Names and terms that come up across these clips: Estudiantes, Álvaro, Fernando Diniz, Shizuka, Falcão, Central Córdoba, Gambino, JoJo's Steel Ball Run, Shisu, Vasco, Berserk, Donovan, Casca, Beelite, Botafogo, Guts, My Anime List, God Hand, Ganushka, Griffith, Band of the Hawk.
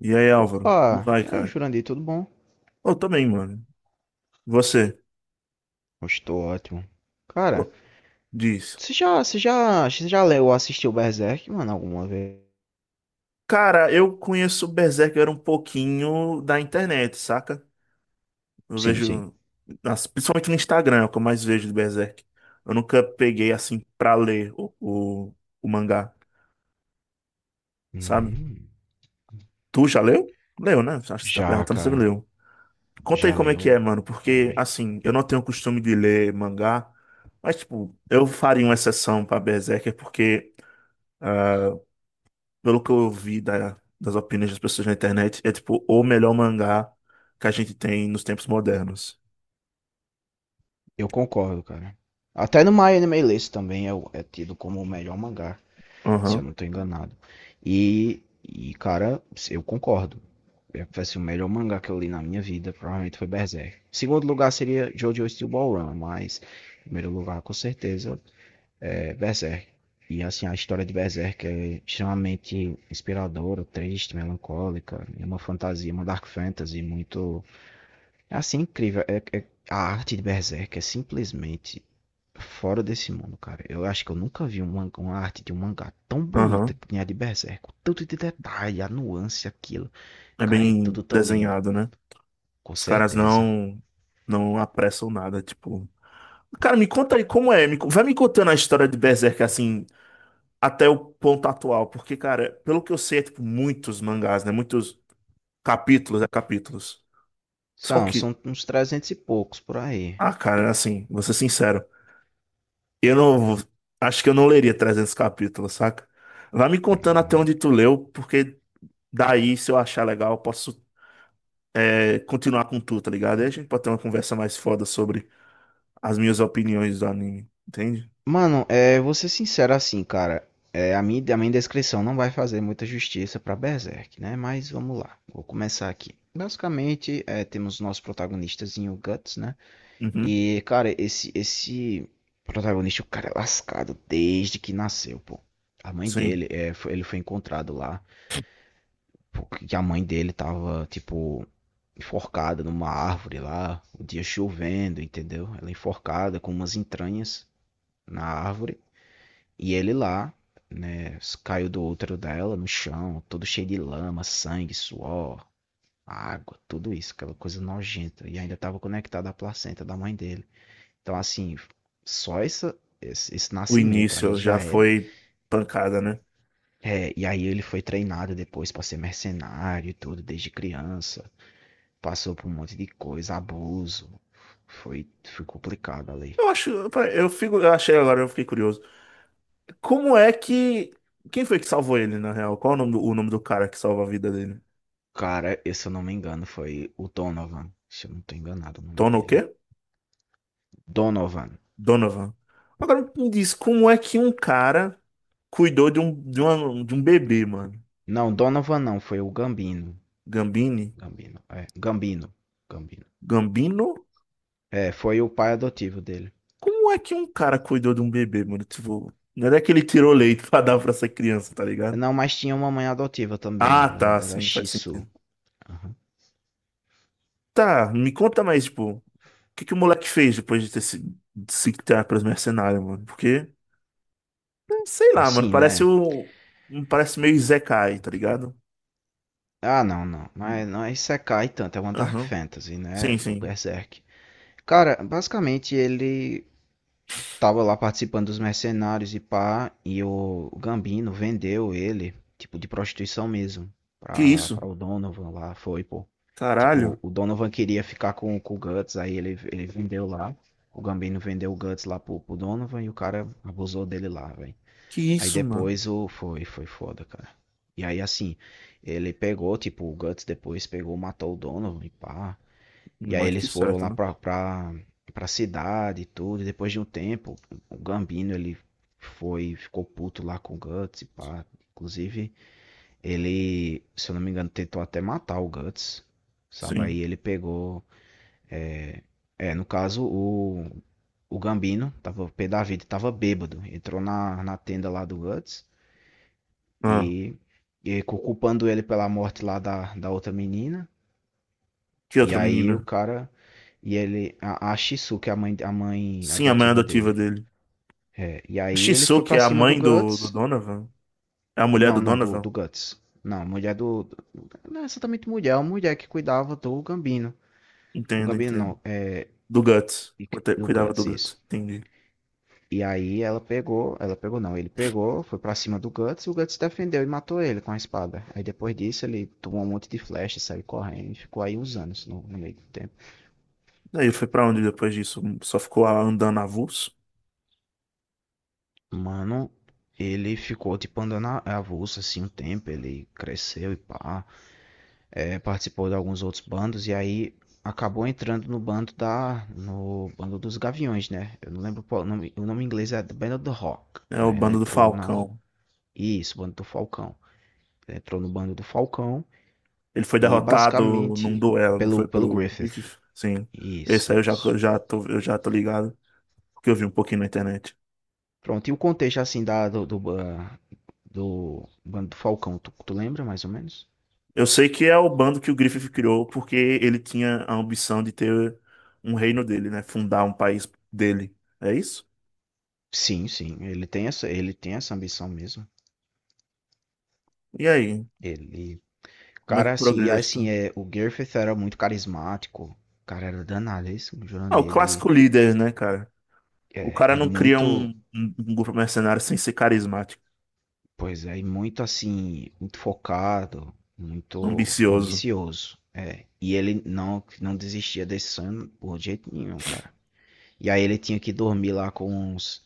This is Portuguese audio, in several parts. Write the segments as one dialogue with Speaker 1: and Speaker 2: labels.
Speaker 1: E aí, Álvaro? Como
Speaker 2: Opa,
Speaker 1: vai,
Speaker 2: e aí,
Speaker 1: cara?
Speaker 2: Jurandir, tudo bom?
Speaker 1: Eu também, mano. Você?
Speaker 2: Estou ótimo.
Speaker 1: Ô,
Speaker 2: Cara,
Speaker 1: diz.
Speaker 2: você já leu ou assistiu Berserk, mano, alguma vez?
Speaker 1: Cara, eu conheço Berserker um pouquinho da internet, saca? Eu
Speaker 2: Sim, sim.
Speaker 1: vejo, principalmente no Instagram, é o que eu mais vejo de Berserk. Eu nunca peguei, assim, pra ler o mangá, sabe?
Speaker 2: Hum.
Speaker 1: Tu já leu? Leu, né? Acho que você tá
Speaker 2: Já,
Speaker 1: perguntando se você
Speaker 2: cara.
Speaker 1: leu. Conta aí
Speaker 2: Já
Speaker 1: como é que é,
Speaker 2: leu.
Speaker 1: mano,
Speaker 2: Bom,
Speaker 1: porque,
Speaker 2: véi.
Speaker 1: assim, eu não tenho costume de ler mangá, mas, tipo, eu faria uma exceção pra Berserker porque. Ah, pelo que eu vi das opiniões das pessoas na internet, é tipo o melhor mangá que a gente tem nos tempos modernos.
Speaker 2: Eu concordo, cara. Até no My Anime List também é, é tido como o melhor mangá, se eu
Speaker 1: Aham,
Speaker 2: não tô enganado. E cara, eu concordo. Foi assim, o melhor mangá que eu li na minha vida, provavelmente foi Berserk. Segundo lugar seria JoJo's Steel Ball Run, mas em primeiro lugar, com certeza, Berserk. E assim, a história de Berserk é extremamente inspiradora, triste, melancólica. É uma fantasia, uma dark fantasy muito. É assim, incrível. A arte de Berserk é simplesmente fora desse mundo, cara. Eu acho que eu nunca vi um uma arte de um mangá tão bonita
Speaker 1: aham.
Speaker 2: que nem a de Berserk. O tanto de detalhe, a nuance, aquilo.
Speaker 1: É
Speaker 2: Cara, é
Speaker 1: bem
Speaker 2: tudo tão lindo.
Speaker 1: desenhado, né?
Speaker 2: Com
Speaker 1: Os caras
Speaker 2: certeza.
Speaker 1: não apressam nada, tipo. Cara, me conta aí como é, vai me contando a história de Berserk assim, até o ponto atual, porque cara, pelo que eu sei, é tipo muitos mangás, né? Muitos capítulos, é capítulos. Só
Speaker 2: São,
Speaker 1: que,
Speaker 2: são uns 300 e poucos por aí.
Speaker 1: cara, assim, vou ser sincero. Eu não. Acho que eu não leria 300 capítulos, saca? Vai me
Speaker 2: Não,
Speaker 1: contando até
Speaker 2: mas
Speaker 1: onde tu leu, porque daí, se eu achar legal, eu posso continuar com tu, tá ligado? Aí a gente pode ter uma conversa mais foda sobre as minhas opiniões do anime, entende?
Speaker 2: mano, vou ser sincero assim, cara. A minha descrição não vai fazer muita justiça pra Berserk, né? Mas vamos lá, vou começar aqui. Basicamente, temos o nosso protagonistazinho, o Guts, né?
Speaker 1: Uhum,
Speaker 2: E, cara, esse protagonista, o cara é lascado desde que nasceu, pô. A mãe
Speaker 1: sim.
Speaker 2: dele, ele foi encontrado lá, porque a mãe dele tava, tipo, enforcada numa árvore lá, o dia chovendo, entendeu? Ela é enforcada com umas entranhas na árvore. E ele lá, né, caiu do útero dela no chão, todo cheio de lama, sangue, suor, água, tudo isso, aquela coisa nojenta. E ainda estava conectado à placenta da mãe dele. Então, assim, esse
Speaker 1: O
Speaker 2: nascimento aí
Speaker 1: início já
Speaker 2: já é.
Speaker 1: foi pancada, né?
Speaker 2: É, e aí ele foi treinado depois para ser mercenário e tudo, desde criança. Passou por um monte de coisa, abuso. Foi complicado ali.
Speaker 1: Eu acho. Eu achei agora, eu fiquei curioso. Como é que. Quem foi que salvou ele, na real? Qual o nome do cara que salva a vida dele?
Speaker 2: Cara, se eu não me engano, foi o Donovan. Se eu não tô enganado o nome
Speaker 1: Tono o quê?
Speaker 2: dele. Donovan.
Speaker 1: Donovan. Agora me diz, como é que um cara cuidou de um bebê, mano?
Speaker 2: Não, Donovan não, foi o Gambino.
Speaker 1: Gambini?
Speaker 2: Gambino, é. Gambino. Gambino.
Speaker 1: Gambino?
Speaker 2: É, foi o pai adotivo dele.
Speaker 1: Como é que um cara cuidou de um bebê, mano? Tipo, não é que ele tirou leite pra dar pra essa criança, tá ligado?
Speaker 2: Não, mas tinha uma mãe adotiva também.
Speaker 1: Ah,
Speaker 2: Era,
Speaker 1: tá,
Speaker 2: era
Speaker 1: sim, faz
Speaker 2: Shisu.
Speaker 1: sentido.
Speaker 2: Aham.
Speaker 1: Tá, me conta mais, tipo, o que o moleque fez depois de se criar pros mercenários, mano? Porque, sei lá, mano,
Speaker 2: Assim,
Speaker 1: parece
Speaker 2: né?
Speaker 1: o. Parece meio Zekai, tá ligado?
Speaker 2: Ah, não, não. Mas não é Isekai tanto. É uma Dark
Speaker 1: Aham.
Speaker 2: Fantasy, né?
Speaker 1: Sim,
Speaker 2: O
Speaker 1: sim.
Speaker 2: Berserk. Cara, basicamente ele tava lá participando dos mercenários e pá, e o Gambino vendeu ele, tipo, de prostituição mesmo,
Speaker 1: Que
Speaker 2: pra,
Speaker 1: isso?
Speaker 2: pra o Donovan lá, foi, pô. Tipo,
Speaker 1: Caralho.
Speaker 2: o Donovan queria ficar com o Guts, aí ele vendeu lá, o Gambino vendeu o Guts lá pro Donovan e o cara abusou dele lá, velho.
Speaker 1: Que
Speaker 2: Aí
Speaker 1: isso, mano?
Speaker 2: depois foi foda, cara. E aí assim, ele pegou, tipo, o Guts depois pegou, matou o Donovan e pá. E aí
Speaker 1: Mais do que
Speaker 2: eles foram
Speaker 1: certo,
Speaker 2: lá
Speaker 1: né?
Speaker 2: pra cidade e tudo. E depois de um tempo, o Gambino ele ficou puto lá com o Guts e pá. Inclusive, ele, se eu não me engano, tentou até matar o Guts. Sabe? Aí
Speaker 1: Sim.
Speaker 2: ele pegou. É, no caso, o Gambino, tava, o pé da vida, tava bêbado. Entrou na tenda lá do Guts
Speaker 1: Ah,
Speaker 2: e, e culpando ele pela morte lá da outra menina.
Speaker 1: que
Speaker 2: E
Speaker 1: outra
Speaker 2: aí
Speaker 1: menina?
Speaker 2: o cara. E ele, a Shisu, que é a mãe
Speaker 1: Sim, a mãe
Speaker 2: adotiva
Speaker 1: adotiva
Speaker 2: dele.
Speaker 1: dele.
Speaker 2: É, e
Speaker 1: A
Speaker 2: aí ele foi
Speaker 1: Shizuka
Speaker 2: pra
Speaker 1: é a
Speaker 2: cima do
Speaker 1: mãe do
Speaker 2: Guts.
Speaker 1: Donovan? É a mulher
Speaker 2: Não,
Speaker 1: do
Speaker 2: não, do
Speaker 1: Donovan?
Speaker 2: Guts. Não, mulher do. Não é exatamente mulher, é uma mulher que cuidava do Gambino. O
Speaker 1: Entendo,
Speaker 2: Gambino
Speaker 1: entendo.
Speaker 2: não, é
Speaker 1: Do Guts.
Speaker 2: do
Speaker 1: Cuidava do
Speaker 2: Guts,
Speaker 1: Guts.
Speaker 2: isso.
Speaker 1: Entendi.
Speaker 2: E aí ela pegou não, ele pegou, foi pra cima do Guts e o Guts defendeu e matou ele com a espada. Aí depois disso ele tomou um monte de flecha, saiu correndo e ficou aí uns anos no meio do tempo.
Speaker 1: Daí foi pra onde depois disso? Só ficou andando avulso?
Speaker 2: Mano, ele ficou tipo andando avulso assim um tempo, ele cresceu e pá, é, participou de alguns outros bandos e aí acabou entrando no bando dos Gaviões, né? Eu não lembro qual o nome em inglês é The Band of the Hawk,
Speaker 1: É o
Speaker 2: né? Ele
Speaker 1: bando do
Speaker 2: entrou na,
Speaker 1: Falcão.
Speaker 2: isso, bando do Falcão. Ele entrou no bando do Falcão
Speaker 1: Ele foi
Speaker 2: e
Speaker 1: derrotado num
Speaker 2: basicamente
Speaker 1: duelo, não
Speaker 2: pelo,
Speaker 1: foi
Speaker 2: pelo
Speaker 1: pelo bife?
Speaker 2: Griffith.
Speaker 1: Sim. Esse
Speaker 2: Isso,
Speaker 1: aí
Speaker 2: isso.
Speaker 1: eu já tô ligado, porque eu vi um pouquinho na internet.
Speaker 2: Pronto, e o contexto assim da, do, do, ba- do bando do Falcão, tu lembra mais ou menos?
Speaker 1: Eu sei que é o bando que o Griffith criou porque ele tinha a ambição de ter um reino dele, né? Fundar um país dele. É isso?
Speaker 2: Sim, sim, ele tem essa ambição mesmo.
Speaker 1: E aí?
Speaker 2: Ele,
Speaker 1: Como é
Speaker 2: cara,
Speaker 1: que
Speaker 2: assim, e
Speaker 1: progride a
Speaker 2: assim,
Speaker 1: história?
Speaker 2: é, o Griffith era muito carismático, o cara era danado, é isso, o
Speaker 1: Ah, o
Speaker 2: Jurandir, ele,
Speaker 1: clássico líder, né, cara? O
Speaker 2: é,
Speaker 1: cara
Speaker 2: e
Speaker 1: não cria
Speaker 2: muito,
Speaker 1: um grupo mercenário sem ser carismático,
Speaker 2: pois é, e muito assim, muito focado, muito
Speaker 1: ambicioso.
Speaker 2: ambicioso, é, e ele não desistia desse sonho por jeito nenhum, cara. E aí ele tinha que dormir lá com os,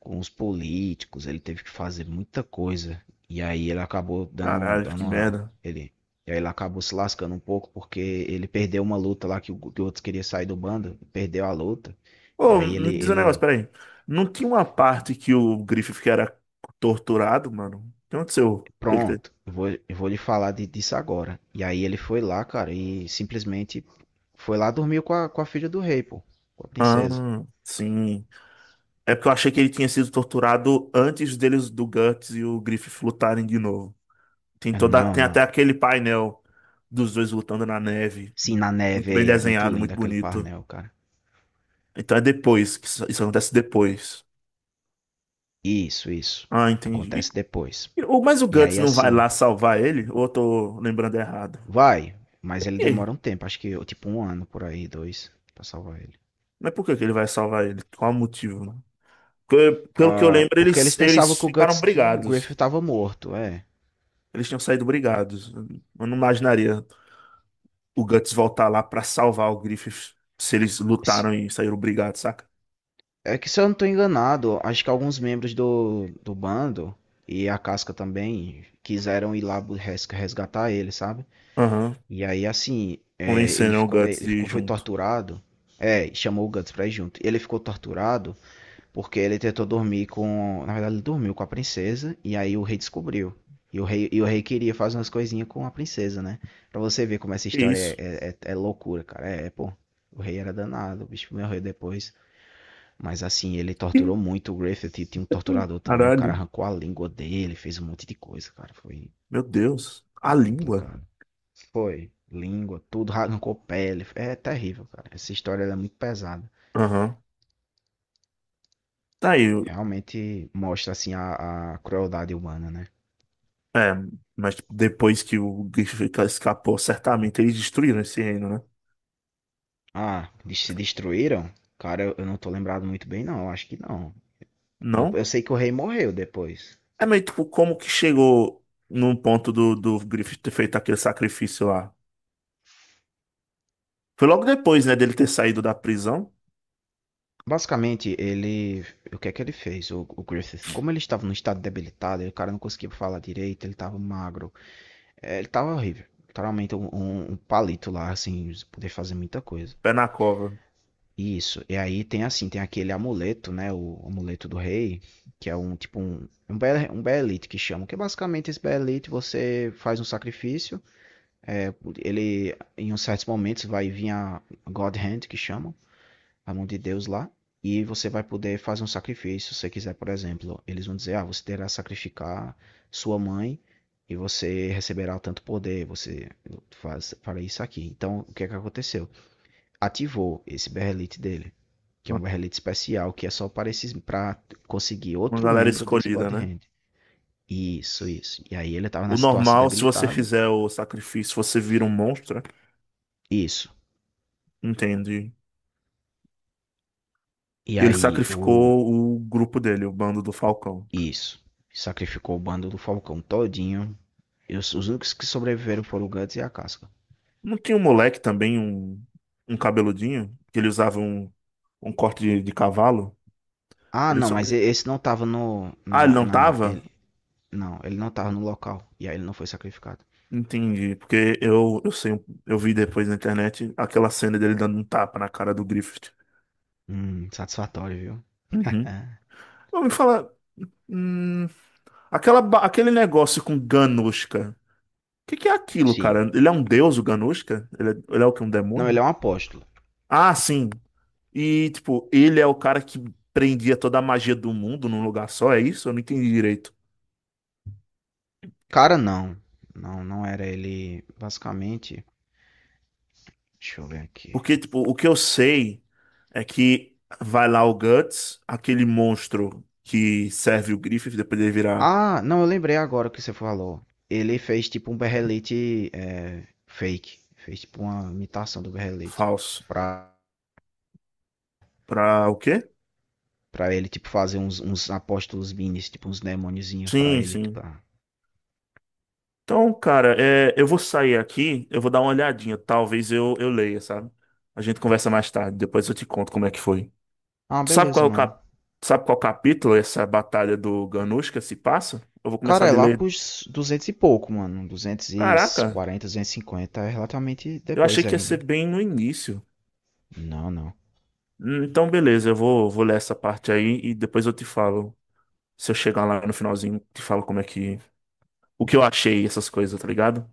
Speaker 2: com os políticos, ele teve que fazer muita coisa. E aí ele acabou dando,
Speaker 1: Caralho, que
Speaker 2: dando uma.
Speaker 1: merda.
Speaker 2: Ele, e aí ele acabou se lascando um pouco porque ele perdeu uma luta lá que o outro queria sair do bando, perdeu a luta. E
Speaker 1: Ô,
Speaker 2: aí ele,
Speaker 1: me diz um negócio,
Speaker 2: ele,
Speaker 1: peraí. Não tinha uma parte que o Griffith era torturado, mano? O que aconteceu?
Speaker 2: pronto, eu vou lhe falar disso agora. E aí ele foi lá, cara, e simplesmente foi lá dormiu com a filha do rei, pô, com a
Speaker 1: Ah,
Speaker 2: princesa.
Speaker 1: sim. É porque eu achei que ele tinha sido torturado antes deles do Guts e o Griffith lutarem de novo. Tem
Speaker 2: Ah,
Speaker 1: toda,
Speaker 2: não,
Speaker 1: tem até
Speaker 2: não.
Speaker 1: aquele painel dos dois lutando na neve,
Speaker 2: Sim, na neve
Speaker 1: muito bem
Speaker 2: aí, é muito
Speaker 1: desenhado, muito
Speaker 2: lindo aquele
Speaker 1: bonito.
Speaker 2: parnel, cara.
Speaker 1: Então é depois que isso acontece depois.
Speaker 2: Isso, isso.
Speaker 1: Ah, entendi.
Speaker 2: Acontece depois.
Speaker 1: Mas o
Speaker 2: E
Speaker 1: Guts
Speaker 2: aí,
Speaker 1: não vai
Speaker 2: assim,
Speaker 1: lá salvar ele? Ou eu tô lembrando errado?
Speaker 2: vai, mas
Speaker 1: Por
Speaker 2: ele
Speaker 1: quê?
Speaker 2: demora um tempo, acho que tipo um ano por aí, dois, pra salvar ele.
Speaker 1: Mas por que que ele vai salvar ele? Qual o motivo, né? Porque, pelo que eu
Speaker 2: Ah,
Speaker 1: lembro,
Speaker 2: porque eles pensavam
Speaker 1: eles
Speaker 2: que o
Speaker 1: ficaram
Speaker 2: Guts que o Griffith
Speaker 1: brigados.
Speaker 2: tava morto, é.
Speaker 1: Eles tinham saído brigados. Eu não imaginaria. O Guts voltar lá pra salvar o Griffith se eles
Speaker 2: Se-
Speaker 1: lutaram e saíram brigados, saca?
Speaker 2: É que se eu não tô enganado, acho que alguns membros do bando e a Casca também quiseram ir lá resgatar ele, sabe?
Speaker 1: Aham.
Speaker 2: E aí assim, é, ele
Speaker 1: Convenceram o
Speaker 2: ficou
Speaker 1: Guts
Speaker 2: ele
Speaker 1: de ir
Speaker 2: ficou foi
Speaker 1: junto.
Speaker 2: torturado. É, chamou o Guts pra ir junto. Ele ficou torturado. Porque ele tentou dormir com. Na verdade, ele dormiu com a princesa e aí o rei descobriu. E o rei queria fazer umas coisinhas com a princesa, né? Pra você ver como essa
Speaker 1: Que
Speaker 2: história é,
Speaker 1: isso.
Speaker 2: é, é é loucura, cara. É, pô. O rei era danado, o bicho morreu depois. Mas assim, ele
Speaker 1: Ih,
Speaker 2: torturou muito o Griffith. E tinha um torturador também. O cara
Speaker 1: caralho.
Speaker 2: arrancou a língua dele, fez um monte de coisa, cara. Foi
Speaker 1: Meu Deus. A língua.
Speaker 2: complicado. Foi. Língua, tudo, arrancou pele. É terrível, cara. Essa história ela é muito pesada.
Speaker 1: Aham. Tá aí.
Speaker 2: Realmente mostra, assim, a crueldade humana, né?
Speaker 1: É, mas depois que o Griffith escapou, certamente eles destruíram esse reino, né?
Speaker 2: Ah, se destruíram? Cara, eu não tô lembrado muito bem, não. Acho que não. Eu,
Speaker 1: Não?
Speaker 2: eu sei que o rei morreu depois.
Speaker 1: É meio tipo, como que chegou num ponto do Griffith ter feito aquele sacrifício lá? Foi logo depois, né, dele ter saído da prisão?
Speaker 2: Basicamente, ele. O que é que ele fez? O Griffith, como ele estava num estado debilitado, ele, o cara não conseguia falar direito, ele estava magro. É, ele estava horrível. Literalmente um palito lá, assim, sem poder fazer muita coisa.
Speaker 1: Pé na cova.
Speaker 2: Isso. E aí tem assim, tem aquele amuleto, né? O, amuleto do rei, que é um tipo um Beelite que chamam. Que é basicamente esse Beelite, você faz um sacrifício. É, ele, em uns certos momentos, vai vir a God Hand, que chamam, a mão de Deus lá, e você vai poder fazer um sacrifício. Se você quiser, por exemplo, eles vão dizer: ah, você terá que sacrificar sua mãe e você receberá tanto poder. Você faz, fará isso aqui. Então, o que é que aconteceu? Ativou esse berrelite dele, que é
Speaker 1: Uma
Speaker 2: um berrelite especial, que é só para conseguir
Speaker 1: uma
Speaker 2: outro
Speaker 1: galera
Speaker 2: membro desse
Speaker 1: escolhida,
Speaker 2: God
Speaker 1: né?
Speaker 2: Hand. Isso, isso. E aí ele estava
Speaker 1: O
Speaker 2: na situação
Speaker 1: normal, se você
Speaker 2: debilitada.
Speaker 1: fizer o sacrifício, você vira um monstro, né?
Speaker 2: Isso.
Speaker 1: Entende?
Speaker 2: E
Speaker 1: E ele
Speaker 2: aí o.
Speaker 1: sacrificou o grupo dele, o bando do Falcão.
Speaker 2: Isso. Sacrificou o bando do Falcão todinho. E os únicos que sobreviveram foram o Guts e a Casca.
Speaker 1: Não tinha um moleque também, um cabeludinho, que ele usava um corte de cavalo?
Speaker 2: Ah,
Speaker 1: Ele
Speaker 2: não, mas
Speaker 1: sobre...
Speaker 2: esse não tava no.
Speaker 1: Ah, ele não tava?
Speaker 2: Não, ele não tava no local. E aí ele não foi sacrificado.
Speaker 1: Entendi, porque eu sei, eu vi depois na internet aquela cena dele dando um tapa na cara do Griffith.
Speaker 2: Satisfatório, viu?
Speaker 1: Uhum.
Speaker 2: É,
Speaker 1: Eu me falar, hum, aquela, aquele negócio com Ganushka. Que é aquilo,
Speaker 2: sim.
Speaker 1: cara? Ele é um deus, o Ganushka? Ele é o que? Um
Speaker 2: Não,
Speaker 1: demônio?
Speaker 2: ele é um apóstolo.
Speaker 1: Ah, sim. E, tipo, ele é o cara que prendia toda a magia do mundo num lugar só, é isso? Eu não entendi direito.
Speaker 2: Cara, não. Não, não era ele. Basicamente. Deixa eu ver aqui.
Speaker 1: Porque, tipo, o que eu sei é que vai lá o Guts, aquele monstro que serve o Griffith, depois ele virar
Speaker 2: Ah, não, eu lembrei agora o que você falou. Ele fez tipo um berrelete fake. Fez tipo uma imitação do berrelete.
Speaker 1: falso.
Speaker 2: Pra.
Speaker 1: Pra o quê?
Speaker 2: Ele, tipo, fazer uns apóstolos minis, tipo, uns demôniozinhos pra
Speaker 1: Sim,
Speaker 2: ele,
Speaker 1: sim.
Speaker 2: tipo, ah.
Speaker 1: Então, cara, é, eu vou sair aqui, eu vou dar uma olhadinha. Talvez eu leia, sabe? A gente conversa mais tarde, depois eu te conto como é que foi.
Speaker 2: Ah,
Speaker 1: Sabe
Speaker 2: beleza,
Speaker 1: qual é o
Speaker 2: mano.
Speaker 1: cap... sabe qual capítulo essa batalha do Ganushka se passa? Eu vou
Speaker 2: Cara,
Speaker 1: começar
Speaker 2: é
Speaker 1: de
Speaker 2: lá
Speaker 1: ler.
Speaker 2: pros 200 e pouco, mano. duzentos e
Speaker 1: Caraca,
Speaker 2: quarenta 250. É relativamente
Speaker 1: eu achei
Speaker 2: depois
Speaker 1: que ia
Speaker 2: aí, não?
Speaker 1: ser bem no início.
Speaker 2: Não, não.
Speaker 1: Então, beleza, eu vou, vou ler essa parte aí e depois eu te falo. Se eu chegar lá no finalzinho, te falo como é que. O que eu achei, essas coisas, tá ligado?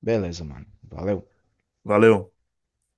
Speaker 2: Beleza, mano. Valeu.
Speaker 1: Valeu.